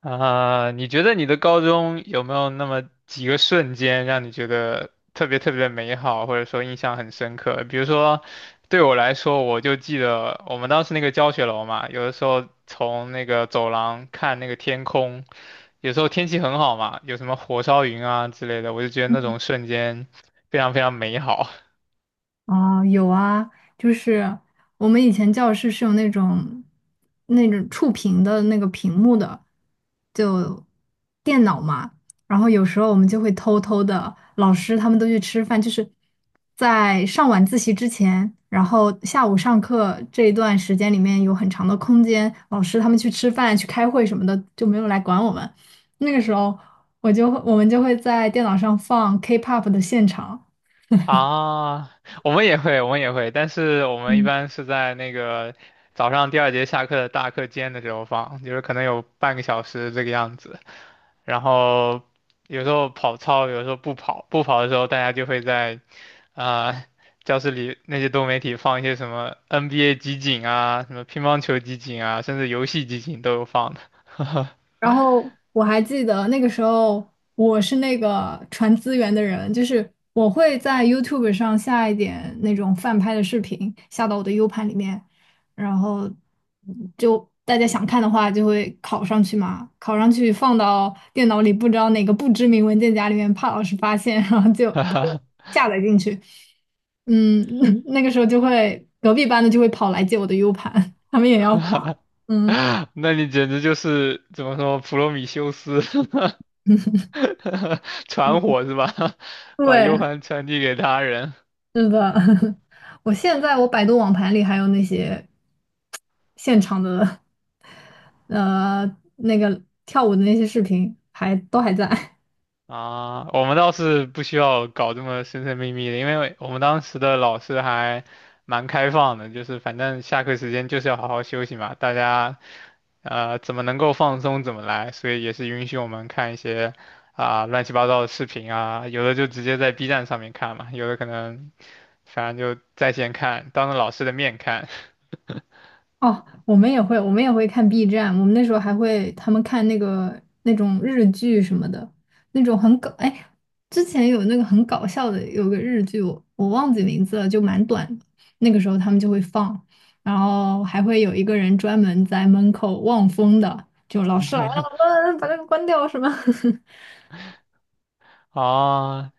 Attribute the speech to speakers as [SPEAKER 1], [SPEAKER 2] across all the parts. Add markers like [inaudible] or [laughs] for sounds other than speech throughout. [SPEAKER 1] 啊，你觉得你的高中有没有那么几个瞬间让你觉得特别特别的美好，或者说印象很深刻？比如说，对我来说，我就记得我们当时那个教学楼嘛，有的时候从那个走廊看那个天空，有时候天气很好嘛，有什么火烧云啊之类的，我就觉得那种瞬间非常非常美好。
[SPEAKER 2] 哦，有啊，就是我们以前教室是有那种触屏的那个屏幕的，就电脑嘛。然后有时候我们就会偷偷的，老师他们都去吃饭，就是在上晚自习之前，然后下午上课这一段时间里面有很长的空间，老师他们去吃饭、去开会什么的，就没有来管我们。那个时候，我们就会在电脑上放 K-pop 的现场。
[SPEAKER 1] 啊，我们也会，我们也会，但是我们一般是在那个早上第二节下课的大课间的时候放，就是可能有半个小时这个样子。然后有时候跑操，有时候不跑，不跑的时候大家就会在啊、呃教室里那些多媒体放一些什么 NBA 集锦啊，什么乒乓球集锦啊，甚至游戏集锦都有放的。[laughs]
[SPEAKER 2] 然后我还记得那个时候，我是那个传资源的人，就是我会在 YouTube 上下一点那种翻拍的视频，下到我的 U 盘里面，然后就大家想看的话就会拷上去嘛，拷上去放到电脑里，不知道哪个不知名文件夹里面，怕老师发现，然后就
[SPEAKER 1] 哈哈
[SPEAKER 2] [laughs] 下载进去。嗯，[laughs] 那个时候就会隔壁班的就会跑来借我的 U 盘，他们也要
[SPEAKER 1] 哈
[SPEAKER 2] 还。
[SPEAKER 1] 哈
[SPEAKER 2] 嗯，
[SPEAKER 1] [laughs] 那你简直就是怎么说普罗米修斯 [laughs] [laughs] 传火是吧？[laughs] 把 U
[SPEAKER 2] 对。
[SPEAKER 1] 盘传递给他人。
[SPEAKER 2] 是的，[laughs] 我现在我百度网盘里还有那些现场的 [laughs] 呃那个跳舞的那些视频还都还在。
[SPEAKER 1] 啊，我们倒是不需要搞这么神神秘秘的，因为我们当时的老师还蛮开放的，就是反正下课时间就是要好好休息嘛，大家怎么能够放松怎么来，所以也是允许我们看一些乱七八糟的视频啊，有的就直接在 B 站上面看嘛，有的可能反正就在线看，当着老师的面看。[laughs]
[SPEAKER 2] 哦，我们也会，我们也会看 B 站，我们那时候还会他们看那个那种日剧什么的，那种很搞，哎，之前有那个很搞笑的，有个日剧，我忘记名字了，就蛮短的，那个时候他们就会放，然后还会有一个人专门在门口望风的，就老师来了，把那个关掉什么，
[SPEAKER 1] 啊，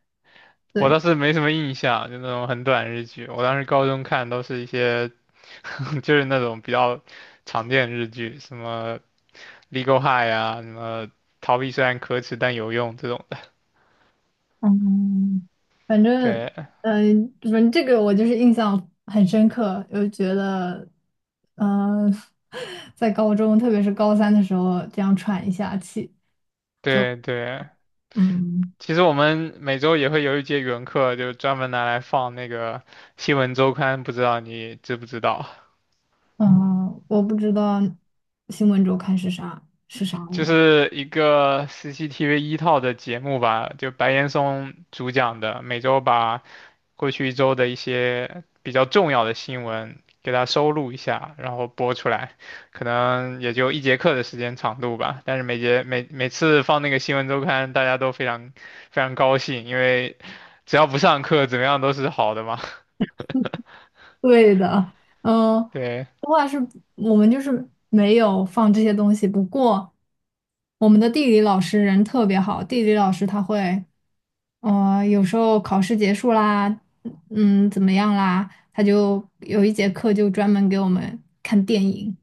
[SPEAKER 2] [laughs]
[SPEAKER 1] 我
[SPEAKER 2] 对。
[SPEAKER 1] 倒是没什么印象，就那种很短日剧。我当时高中看都是一些，[laughs] 就是那种比较常见的日剧，什么《Legal High》啊，什么《逃避虽然可耻但有用》这种的。
[SPEAKER 2] 嗯，反
[SPEAKER 1] [laughs]
[SPEAKER 2] 正，
[SPEAKER 1] 对
[SPEAKER 2] 反正这个我就是印象很深刻，就觉得，嗯、[laughs] 在高中，特别是高三的时候，这样喘一下气，就，
[SPEAKER 1] 对对，
[SPEAKER 2] 嗯。
[SPEAKER 1] 其实我们每周也会有一节语文课，就专门拿来放那个《新闻周刊》，不知道你知不知道？
[SPEAKER 2] 嗯、我不知道新闻周刊是啥
[SPEAKER 1] 就
[SPEAKER 2] 了。
[SPEAKER 1] 是一个 CCTV 一套的节目吧，就白岩松主讲的，每周把过去一周的一些比较重要的新闻，给它收录一下，然后播出来，可能也就一节课的时间长度吧。但是每节每每次放那个新闻周刊，大家都非常非常高兴，因为只要不上课，怎么样都是好的嘛。
[SPEAKER 2] 对的，嗯。
[SPEAKER 1] [laughs] 对
[SPEAKER 2] 不过是我们就是没有放这些东西，不过我们的地理老师人特别好，地理老师他会。哦，有时候考试结束啦，嗯，怎么样啦，他就有一节课就专门给我们看电影。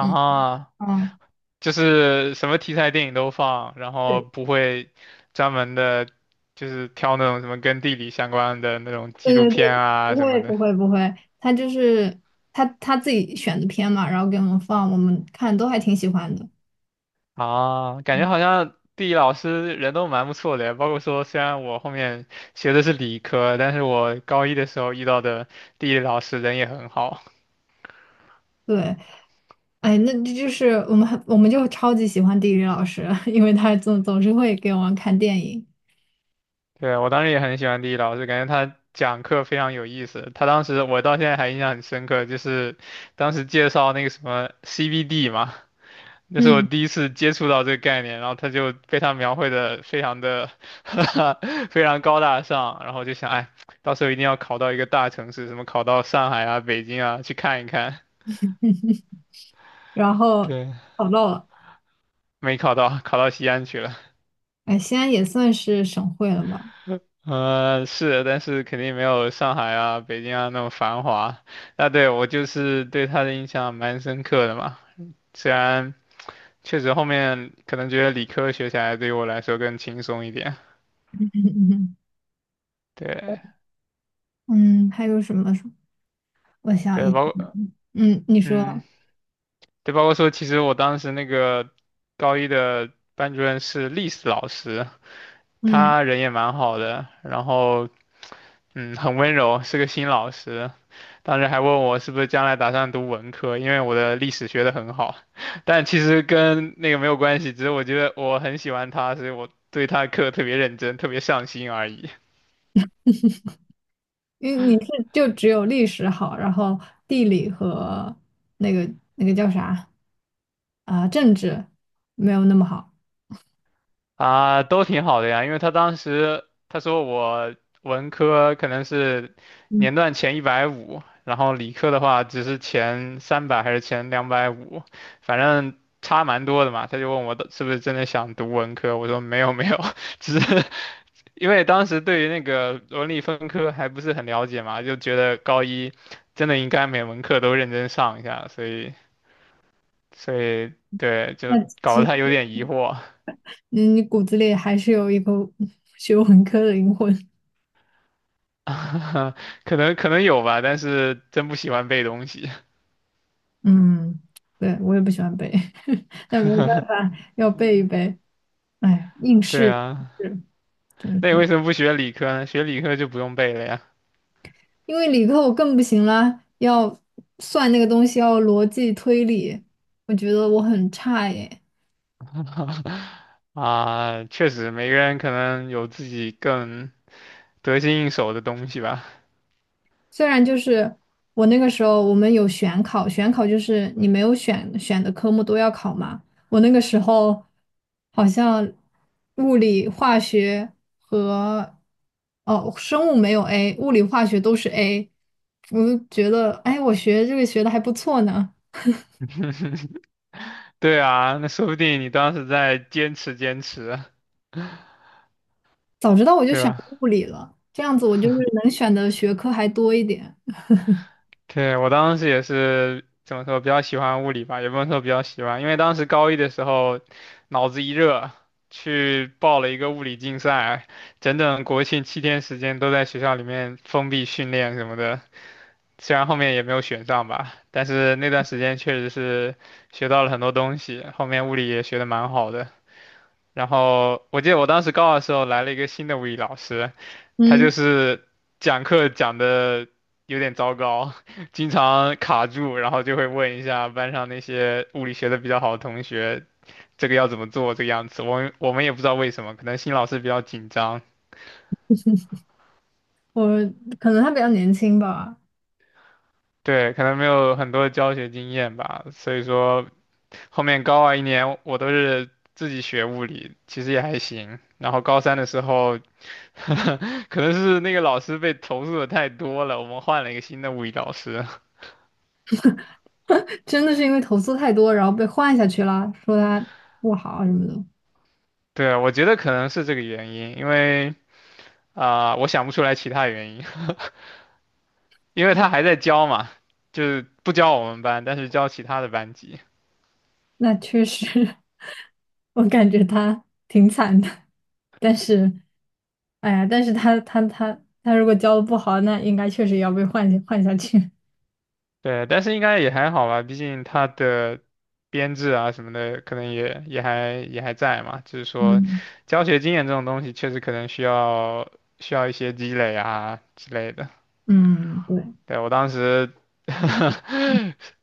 [SPEAKER 2] 嗯，嗯，
[SPEAKER 1] 就是什么题材电影都放，然后
[SPEAKER 2] 对
[SPEAKER 1] 不会专门的，就是挑那种什么跟地理相关的那种纪
[SPEAKER 2] 对
[SPEAKER 1] 录
[SPEAKER 2] 对
[SPEAKER 1] 片
[SPEAKER 2] 对，
[SPEAKER 1] 啊
[SPEAKER 2] 不
[SPEAKER 1] 什
[SPEAKER 2] 会
[SPEAKER 1] 么的。
[SPEAKER 2] 不会不会，他就是他自己选的片嘛，然后给我们放，我们看都还挺喜欢的。嗯，
[SPEAKER 1] 啊，感觉好像地理老师人都蛮不错的，包括说虽然我后面学的是理科，但是我高一的时候遇到的地理老师人也很好。
[SPEAKER 2] 对，哎，那这就是我们就超级喜欢地理老师，[laughs] 因为他总是会给我们看电影，
[SPEAKER 1] 对，我当时也很喜欢地理老师，感觉他讲课非常有意思。他当时我到现在还印象很深刻，就是当时介绍那个什么 c b d 嘛。那是我
[SPEAKER 2] 嗯，
[SPEAKER 1] 第一次接触到这个概念，然后他就被他描绘的非常的 [laughs] 非常高大上，然后就想，哎，到时候一定要考到一个大城市，什么考到上海啊、北京啊去看一看。
[SPEAKER 2] 然后
[SPEAKER 1] 对，
[SPEAKER 2] 跑到了，
[SPEAKER 1] [laughs] 没考到，考到西安去了。
[SPEAKER 2] 哎，西安也算是省会了吧。
[SPEAKER 1] 呃，是，但是肯定没有上海啊、北京啊那么繁华。那对我就是对他的印象蛮深刻的嘛，虽然确实后面可能觉得理科学起来对于我来说更轻松一点。
[SPEAKER 2] [laughs]
[SPEAKER 1] 对
[SPEAKER 2] 嗯，还有什么？什么？我想一
[SPEAKER 1] 对，
[SPEAKER 2] 想，
[SPEAKER 1] 包括
[SPEAKER 2] 嗯，你
[SPEAKER 1] 嗯，
[SPEAKER 2] 说，
[SPEAKER 1] 对，包括说，其实我当时那个高一的班主任是历史老师，
[SPEAKER 2] 嗯，
[SPEAKER 1] 他人也蛮好的，然后嗯，很温柔，是个新老师。当时还问我是不是将来打算读文科，因为我的历史学得很好，[laughs] 但其实跟那个没有关系，只是我觉得我很喜欢他，所以我对他的课特别认真，特别上心而已。
[SPEAKER 2] 因为你是就只有历史好，然后地理和那个叫啥啊，政治没有那么好。
[SPEAKER 1] 啊，都挺好的呀，因为他当时他说我文科可能是
[SPEAKER 2] 嗯，
[SPEAKER 1] 年段前150，然后理科的话只是前300还是前250，反正差蛮多的嘛。他就问我的是不是真的想读文科，我说没有没有，[laughs] 只是因为当时对于那个文理分科还不是很了解嘛，就觉得高一真的应该每门课都认真上一下，所以对，就
[SPEAKER 2] 那
[SPEAKER 1] 搞
[SPEAKER 2] 其
[SPEAKER 1] 得
[SPEAKER 2] 实
[SPEAKER 1] 他有点疑惑。
[SPEAKER 2] 你骨子里还是有一个学文科的灵魂。
[SPEAKER 1] [laughs] 可能可能有吧，但是真不喜欢背东西。
[SPEAKER 2] 嗯，对，我也不喜欢背，[laughs] 但没有办法，要背一背。哎，应
[SPEAKER 1] [laughs]
[SPEAKER 2] 试
[SPEAKER 1] 对啊，
[SPEAKER 2] 是，只能
[SPEAKER 1] 那你
[SPEAKER 2] 说。
[SPEAKER 1] 为什么不学理科呢？学理科就不用背了呀。
[SPEAKER 2] 因为理科我更不行啦，要算那个东西，要逻辑推理，我觉得我很差耶。
[SPEAKER 1] [laughs] 啊，确实，每个人可能有自己更得心应手的东西吧。
[SPEAKER 2] 虽然就是我那个时候我们有选考，选考就是你没有选的科目都要考嘛。我那个时候好像物理、化学和哦生物没有 A，物理、化学都是 A，我就觉得哎，我学这个学的还不错呢。
[SPEAKER 1] [laughs] 对啊，那说不定你当时在坚持坚持，
[SPEAKER 2] 早知道我就
[SPEAKER 1] 对
[SPEAKER 2] 选
[SPEAKER 1] 吧？
[SPEAKER 2] 物理了，这样子我就是能选的学科还多一点。
[SPEAKER 1] 对，我当时也是怎么说，比较喜欢物理吧，也不能说比较喜欢，因为当时高一的时候，脑子一热，去报了一个物理竞赛，整整国庆7天时间都在学校里面封闭训练什么的，虽然后面也没有选上吧，但是那段时间确实是学到了很多东西，后面物理也学得蛮好的。然后我记得我当时高二的时候来了一个新的物理老师，他就
[SPEAKER 2] 嗯，
[SPEAKER 1] 是讲课讲的有点糟糕，[laughs] 经常卡住，然后就会问一下班上那些物理学的比较好的同学，这个要怎么做，这个样子。我们也不知道为什么，可能新老师比较紧张，
[SPEAKER 2] 我可能他比较年轻吧。
[SPEAKER 1] 对，可能没有很多教学经验吧，所以说后面高二1年我都是。自己学物理其实也还行，然后高三的时候，[laughs] 可能是那个老师被投诉的太多了，我们换了一个新的物理老师。
[SPEAKER 2] [laughs] 真的是因为投诉太多，然后被换下去了，说他不好啊什么的。
[SPEAKER 1] 对啊，我觉得可能是这个原因，因为我想不出来其他原因，[laughs] 因为他还在教嘛，就是不教我们班，但是教其他的班级。
[SPEAKER 2] 那确实，[laughs] 我感觉他挺惨的。但是，哎呀，但是他如果教的不好，那应该确实也要被换下去。
[SPEAKER 1] 对，但是应该也还好吧，毕竟他的编制啊什么的，可能也还在嘛。就是
[SPEAKER 2] [laughs]
[SPEAKER 1] 说，
[SPEAKER 2] 嗯。
[SPEAKER 1] 教学经验这种东西，确实可能需要一些积累啊之类的。
[SPEAKER 2] 嗯，对，
[SPEAKER 1] 对，我当时 [laughs]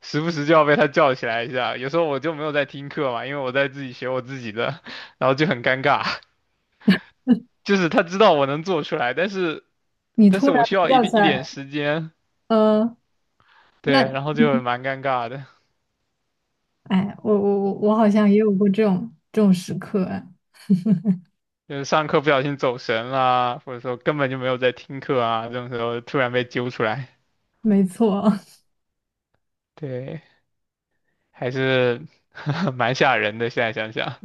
[SPEAKER 1] 时不时就要被他叫起来一下。有时候我就没有在听课嘛，因为我在自己学我自己的，[laughs] 然后就很尴尬。[laughs] 就是他知道我能做出来，但是
[SPEAKER 2] 你
[SPEAKER 1] 但
[SPEAKER 2] 突
[SPEAKER 1] 是
[SPEAKER 2] 然
[SPEAKER 1] 我需
[SPEAKER 2] 被
[SPEAKER 1] 要一
[SPEAKER 2] 叫
[SPEAKER 1] 定
[SPEAKER 2] 起
[SPEAKER 1] 一点
[SPEAKER 2] 来，
[SPEAKER 1] 时间，
[SPEAKER 2] 呃。那。
[SPEAKER 1] 对，然后就蛮尴尬的。
[SPEAKER 2] 哎，我好像也有过这种时刻，哎
[SPEAKER 1] 就是上课不小心走神啦，或者说根本就没有在听课啊，这种时候突然被揪出来，
[SPEAKER 2] 没错。[laughs]
[SPEAKER 1] 对，还是 [laughs] 蛮吓人的。现在想想，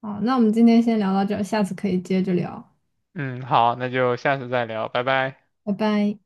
[SPEAKER 2] 好，那我们今天先聊到这儿，下次可以接着聊，
[SPEAKER 1] 嗯，好，那就下次再聊，拜拜。
[SPEAKER 2] 拜拜。